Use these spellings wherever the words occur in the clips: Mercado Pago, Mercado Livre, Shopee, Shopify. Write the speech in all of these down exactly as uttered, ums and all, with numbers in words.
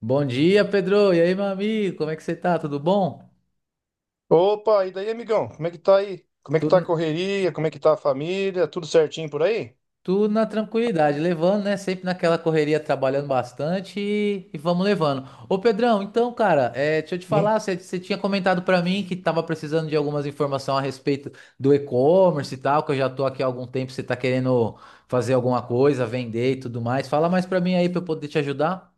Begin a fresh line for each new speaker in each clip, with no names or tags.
Bom dia, Pedro. E aí, meu amigo? Como é que você tá? Tudo bom?
Opa, e daí, amigão? Como é que tá aí? Como é que tá
Tudo,
a correria? Como é que tá a família? Tudo certinho por aí?
tudo na tranquilidade, levando, né? Sempre naquela correria, trabalhando bastante e, e vamos levando. Ô, Pedrão, então, cara, é, deixa eu te
Hum?
falar, você, você tinha comentado pra mim que tava precisando de algumas informações a respeito do e-commerce e tal, que eu já tô aqui há algum tempo, você tá querendo fazer alguma coisa, vender e tudo mais. Fala mais pra mim aí pra eu poder te ajudar.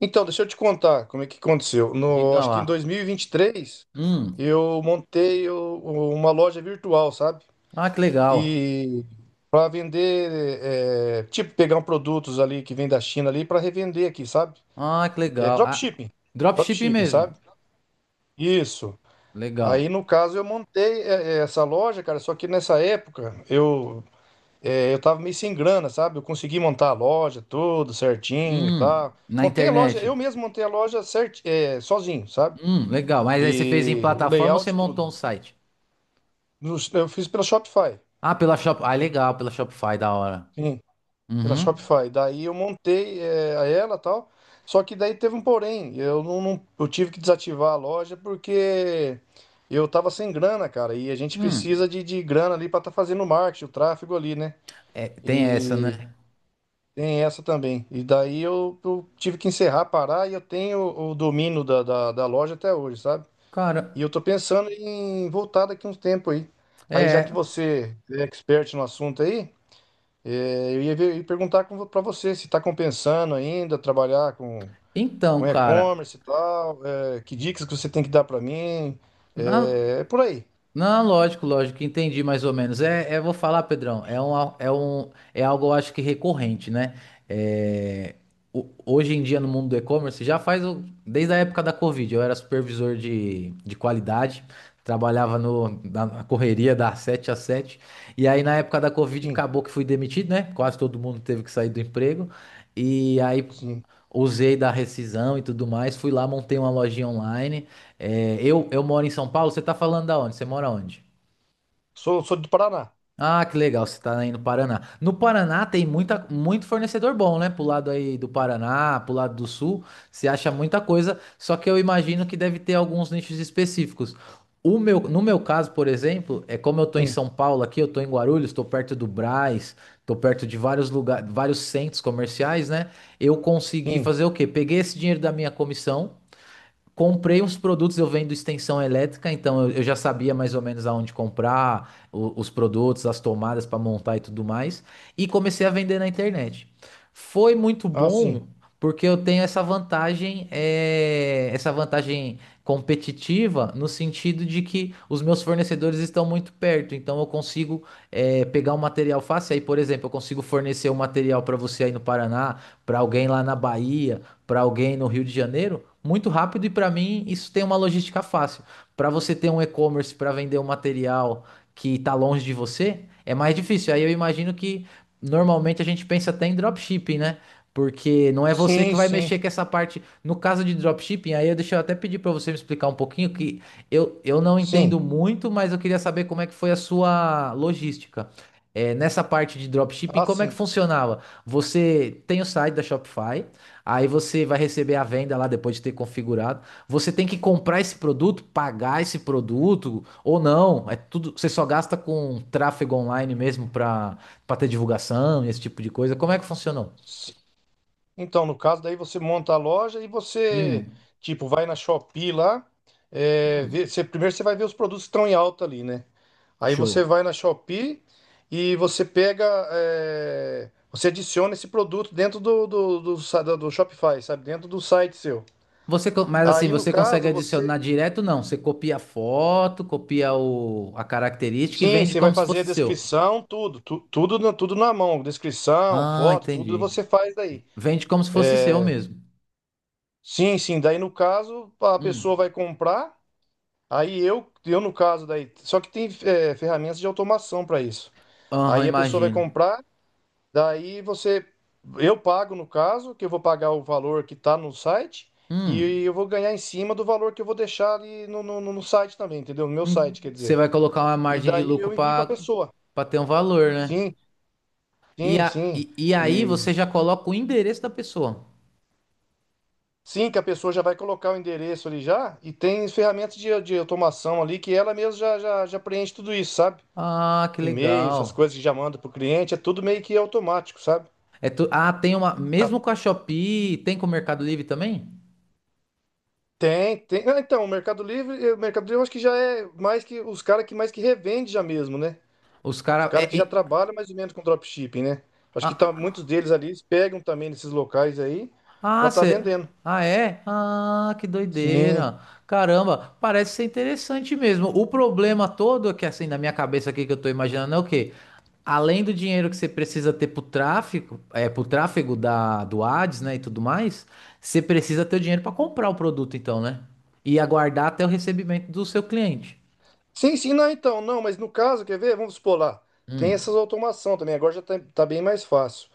Então, deixa eu te contar como é que aconteceu. No,
Diga
acho que em
lá.
dois mil e e vinte e três
Hum.
eu montei o- o- uma loja virtual, sabe?
Ah, que legal.
E para vender, é, tipo, pegar um produtos ali que vem da China ali para revender aqui, sabe?
Ah, que
É
legal. Ah,
dropshipping.
dropshipping
Dropshipping,
mesmo.
sabe? Isso. Aí,
Legal.
no caso, eu montei é, é, essa loja, cara, só que nessa época eu É, eu tava meio sem grana, sabe? Eu consegui montar a loja, tudo certinho e
Hum,
tal.
na
Montei a loja,
internet.
eu mesmo montei a loja cert, é, sozinho, sabe?
Hum, legal. Mas aí você fez em
E o
plataforma ou você
layout,
montou um
tudo.
site?
No- Eu fiz pela Shopify,
Ah, pela Shop... Ah, legal, pela Shopify, da hora.
sim, pela
Uhum.
Shopify. Daí eu montei é, a ela e tal. Só que daí teve um porém. Eu não, não- eu tive que desativar a loja porque eu tava sem grana, cara. E a gente precisa
Hum.
de, de grana ali pra tá fazendo o marketing, o tráfego ali, né?
É, tem essa, né?
E. Tem essa também. E daí eu, eu tive que encerrar, parar e eu tenho o domínio da, da, da loja até hoje, sabe? E
Cara,
eu tô pensando em voltar daqui uns tempo aí. Aí, já
é.
que você é expert no assunto aí, eh, eu ia, ver- ia perguntar com, pra você se tá compensando ainda trabalhar com,
Então,
com
cara,
e-commerce e tal, eh, que dicas que você tem que dar pra mim.
na-
eh, É, por aí.
Não, lógico, lógico, entendi mais ou menos. É, é, vou falar, Pedrão, é um, al- é um, é algo eu acho que recorrente, né? É, o- hoje em dia no mundo do e-commerce já faz o- desde a época da Covid. Eu era supervisor de, de qualidade, trabalhava no, na, na correria das sete às sete. E aí na época da Covid
Sim,
acabou que fui demitido, né? Quase todo mundo teve que sair do emprego. E aí
sim.
usei da rescisão e tudo mais, fui lá, montei uma lojinha online. é, eu, eu moro em São Paulo, você tá falando da onde? Você mora onde?
Sou, sou do Paraná.
Ah, que legal, você tá aí no Paraná. No Paraná tem muita, muito fornecedor bom, né? Pro lado aí do Paraná, pro lado do Sul, você acha muita coisa, só que eu imagino que deve ter alguns nichos específicos. O meu, no meu caso, por exemplo, é como eu tô em
Sim,
São Paulo aqui, eu tô em Guarulhos, tô perto do Brás, tô perto de vários lugares, vários centros comerciais, né? Eu consegui
sim.
fazer o quê? Peguei esse dinheiro da minha comissão. Comprei uns produtos, eu vendo extensão elétrica, então eu, eu já sabia mais ou menos aonde comprar, o- os produtos, as tomadas para montar e tudo mais, e comecei a vender na internet. Foi muito
Ah, sim.
bom, porque eu tenho essa vantagem, é, essa vantagem competitiva, no sentido de que os meus fornecedores estão muito perto, então eu consigo, é, pegar o material fácil. Aí, por exemplo, eu consigo fornecer o material para você aí no Paraná, para alguém lá na Bahia, para alguém no Rio de Janeiro muito rápido e para mim isso tem uma logística fácil. Para você ter um e-commerce para vender um material que está longe de você, é mais difícil. Aí eu imagino que normalmente a gente pensa até em dropshipping, né? Porque não é você que
Sim,
vai
sim,
mexer com essa parte. No caso de dropshipping, aí eu deixa eu até pedir para você me explicar um pouquinho que eu, eu não
sim.
entendo muito, mas eu queria saber como é que foi a sua logística. É, nessa parte de dropshipping,
Ah,
como é que
sim.
funcionava? Você tem o site da Shopify. Aí você vai receber a venda lá depois de ter configurado. Você tem que comprar esse produto, pagar esse produto ou não. É tudo, você só gasta com tráfego online mesmo para para ter divulgação e esse tipo de coisa. Como é que funcionou?
Si, Então, no caso, daí você monta a loja e você,
Hum,
tipo, vai na Shopee lá, é, vê-
hum,
você- primeiro você vai ver os produtos que estão em alta ali, né? Aí você
show.
vai na Shopee e você pega, é, você adiciona esse produto dentro do, do, do, sa- do- do Shopify, sabe? Dentro do site seu.
Você, co- mas assim,
Aí, no
você consegue
caso, você...
adicionar direto? Não, você copia a foto, copia o, a característica e
Sim,
vende
você vai
como se
fazer a
fosse seu.
descrição, tudo, tu- tudo, na- tudo na mão, descrição,
Ah,
foto, tudo
entendi.
você faz daí.
Vende como se fosse seu mesmo.
Sim, sim, daí no caso a pessoa
Hum.
vai comprar. Aí eu, eu no caso daí, só que tem é, ferramentas de automação para isso.
Aham,
Aí a pessoa vai
imagino.
comprar, daí você, eu pago no caso, que eu vou pagar o valor que está no site e
Hum.
eu vou ganhar em cima do valor que eu vou deixar ali no, no, no site também, entendeu? No meu
Hum,
site, quer
você
dizer.
vai colocar uma
E
margem de
daí
lucro
eu envio para a
para
pessoa.
para ter um valor, né?
Sim,
E,
sim,
a,
sim.
e, e aí
E
você já coloca o endereço da pessoa.
sim, que a pessoa já vai colocar o endereço ali já e tem ferramentas de, de automação ali que ela mesma já, já, já preenche tudo isso, sabe?
Ah, que
E-mail, essas
legal.
coisas que já manda pro cliente, é tudo meio que automático, sabe?
É tu, ah, tem uma.
Ah,
Mesmo com a Shopee, tem com o Mercado Livre também?
tem, tem. Ah, então, o Mercado Livre, eh, o Mercado Livre eu acho que já é mais que os caras que mais que revende já mesmo, né?
Os
Os
caras.
caras que já trabalham mais ou menos com dropshipping, né? Acho que tá, muitos deles ali eles pegam também nesses locais aí
Ah,
pra tá
cê...
vendendo.
ah, é? Ah, que
Sim.
doideira. Caramba, parece ser interessante mesmo. O problema todo é que assim na minha cabeça aqui que eu tô imaginando é o quê? Além do dinheiro que você precisa ter pro tráfico, é, pro tráfego da, do Ads, né, e tudo mais, você precisa ter o dinheiro para comprar o produto então, né? E aguardar até o recebimento do seu cliente.
Sim, sim, não, então, não, mas no caso, quer ver? Vamos supor lá. Tem essas
Hum,
automação também, agora já tá, tá bem mais fácil.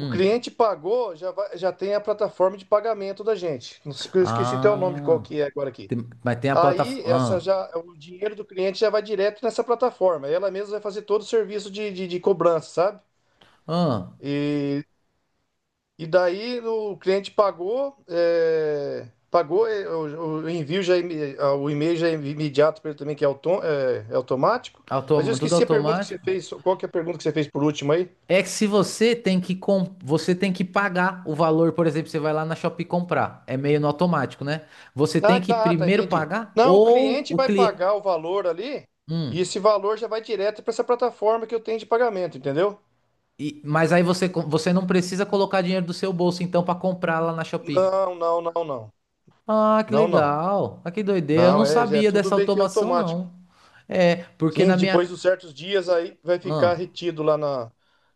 O cliente pagou, já vai- já tem a plataforma de pagamento da gente. Não sei, eu esqueci até o nome de qual
Ah,
que é agora aqui.
tem- mas tem a
Aí essa
plataforma.
já, o dinheiro do cliente já vai direto nessa plataforma. Ela mesma vai fazer todo o serviço de, de, de cobrança, sabe?
Ah, ah,
E, e daí o cliente pagou, é, pagou é, o, o envio já é imi- ah, o e-mail já é imediato para ele também que é, autom, é, é automático. Mas eu
automa- tudo
esqueci a pergunta que você
automático?
fez. Qual que é a pergunta que você fez por último aí?
É que se você tem que com... você tem que pagar o valor, por exemplo, você vai lá na Shopee comprar. É meio no automático, né? Você
Ah,
tem que
tá, tá,
primeiro
entendi.
pagar
Não, o
ou
cliente
o
vai
cliente.
pagar o valor ali.
Hum.
E esse valor já vai direto para essa plataforma que eu tenho de pagamento, entendeu?
E- Mas aí você, co- você não precisa colocar dinheiro do seu bolso, então, para comprar lá na Shopee.
Não, não, não, não.
Ah, que
Não, não.
legal. Ah, que doideira. Eu
Não,
não
é, já é
sabia
tudo
dessa
meio que
automação,
automático.
não. É, porque
Sim,
na minha.
depois dos certos dias aí vai ficar
Ah,
retido lá na,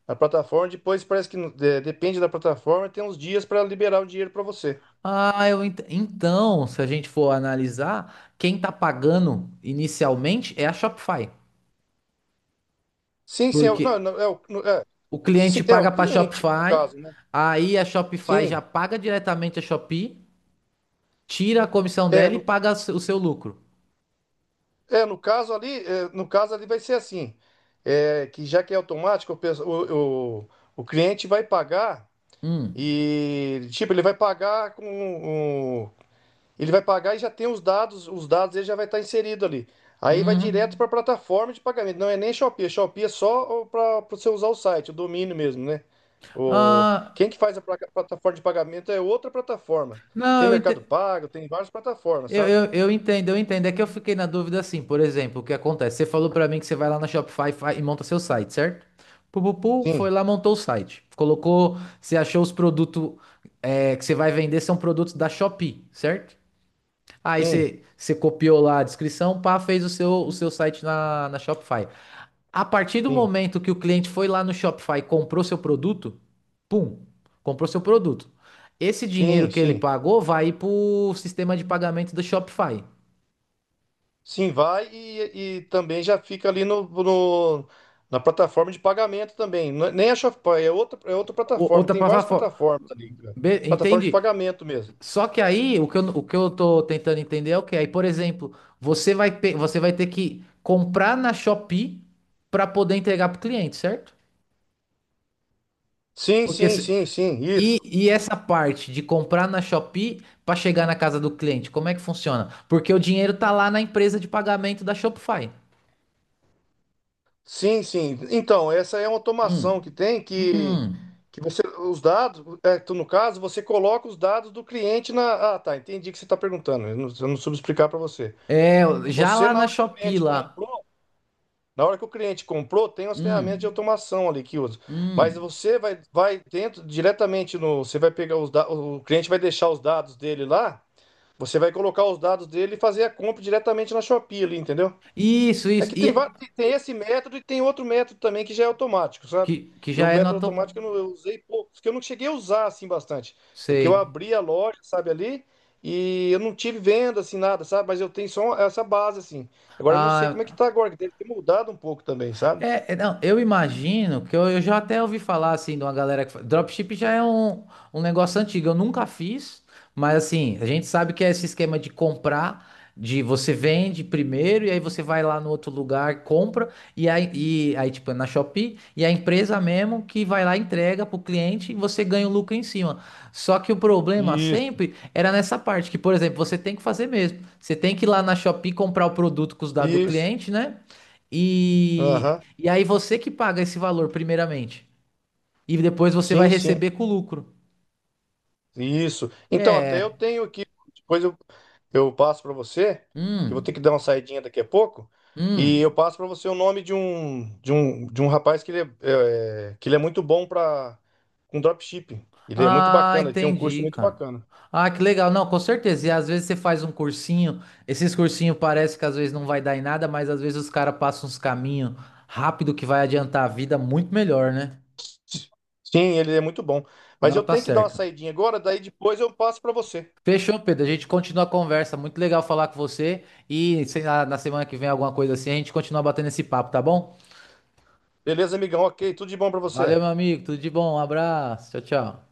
na plataforma. Depois parece que não- de- depende da plataforma, tem uns dias para liberar o dinheiro para você.
ah, eu ent- então, se a gente for analisar, quem tá pagando inicialmente é a Shopify.
Sim, sim, é, o-
Porque
não, não, é, o, no- é,
o cliente
sim, é o
paga para a
cliente no
Shopify,
caso, né?
aí a Shopify já
Sim,
paga diretamente a Shopee, tira a comissão
é
dela e
no,
paga o seu o seu lucro.
é no caso ali, é, no caso ali vai ser assim, é, que já que é automático, o, pesso- o, o, o cliente vai pagar
Hum.
e tipo ele vai pagar com. Ele vai pagar e já tem os dados, os dados ele já vai estar inserido ali. Aí vai direto
Uhum.
para a plataforma de pagamento. Não é nem Shopee, é Shopee é só para você usar o site, o domínio mesmo, né? O,
Ah,
Quem que faz a placa- plataforma de pagamento é outra plataforma.
não,
Tem
eu,
Mercado
ente-
Pago, tem várias plataformas,
eu,
sabe?
eu, eu entendo, eu entendo. É que eu fiquei na dúvida assim, por exemplo, o que acontece? Você falou para mim que você vai lá na Shopify e fa- e monta seu site, certo? Pupupu, foi
Sim,
lá, montou o site. Colocou, você achou os produtos, é, que você vai vender são produtos da Shopee, certo? Aí
sim,
você você copiou lá a descrição, pá, fez o seu, o seu site na, na Shopify. A partir do
sim,
momento que o cliente foi lá no Shopify e comprou seu produto, pum, comprou seu produto. Esse dinheiro
sim,
que ele
sim.
pagou vai para o sistema de pagamento do Shopify.
Sim, vai e, e também já fica ali no, no- na plataforma de pagamento também. Não é- Nem a Shopee, é outra, é outra
O-
plataforma.
Outra
Tem várias
plataforma.
plataformas ali, cara.
Be-
Plataforma de
Entende?
pagamento mesmo.
Só que aí o que eu, o que eu tô tentando entender é o que? Aí, por exemplo, você vai, pe- você vai ter que comprar na Shopee para poder entregar pro cliente, certo?
Sim,
Porque
sim,
se-
sim, sim, isso.
E, e essa parte de comprar na Shopee para chegar na casa do cliente, como é que funciona? Porque o dinheiro tá lá na empresa de pagamento da Shopify.
Sim, sim. Então, essa é uma automação que
Hum,
tem que,
hum.
que você, os dados, é, tu, no caso, você coloca os dados do cliente na. Ah, tá, entendi o que você está perguntando. Eu não, eu não soube explicar para você.
É, já
Você,
lá
na
na
hora que o
Shopee
cliente
lá.
comprou, na hora que o cliente comprou, tem as ferramentas de
Hum,
automação ali que usa. Mas
hum.
você vai, vai dentro diretamente no. Você vai pegar os dados. O cliente vai deixar os dados dele lá. Você vai colocar os dados dele e fazer a compra diretamente na Shopee ali, entendeu?
Isso,
É
isso.
que tem, va-
E
tem tem esse método e tem outro método também que já é automático, sabe?
que, que
E o
já é
método
nota. Um.
automático eu, não, eu usei pouco porque eu não cheguei a usar assim bastante. É que eu
Sei.
abri a loja, sabe, ali, e eu não tive venda assim nada, sabe? Mas eu tenho só essa base assim. Agora eu não sei como é que
Ah,
tá agora, que deve ter mudado um pouco também, sabe?
É, é, não, eu imagino que eu, eu já até ouvi falar assim de uma galera que. fa- Dropship já é um, um negócio antigo, eu nunca fiz, mas assim, a gente sabe que é esse esquema de comprar, de você vende primeiro e aí você vai lá no outro lugar, compra, e aí, e, aí tipo, é na Shopee, e a empresa mesmo que vai lá, e entrega pro cliente e você ganha o lucro em cima. Só que o problema
Isso,
sempre era nessa parte, que, por exemplo, você tem que fazer mesmo. Você tem que ir lá na Shopee comprar o produto com os dados do
isso.
cliente, né? E,
Aham.
e aí você que paga esse valor primeiramente. E depois você vai
Sim, sim.
receber com lucro.
Isso. Então, até eu
É.
tenho aqui, depois eu, eu passo para você, que eu vou ter que
Hum,
dar uma saidinha daqui a pouco, e eu
hum.
passo para você o nome de um, de um, de um rapaz que ele é, é, que ele é muito bom para com dropshipping. Ele é muito
Ah,
bacana, ele tem um curso
entendi,
muito
cara.
bacana.
Ah, que legal. Não, com certeza. E às vezes você faz um cursinho. Esses cursinhos parece que às vezes não vai dar em nada, mas às vezes os caras passam uns caminhos rápido que vai adiantar a vida muito melhor, né?
Sim, ele é muito bom. Mas
Não,
eu
tá
tenho que dar uma
certo.
saidinha agora, daí depois eu passo para você.
Fechou, Pedro. A gente continua a conversa. Muito legal falar com você. E sei lá, na semana que vem, alguma coisa assim, a gente continua batendo esse papo, tá bom?
Beleza, amigão? Ok, tudo de bom para você.
Valeu, meu amigo. Tudo de bom. Um abraço. Tchau, tchau.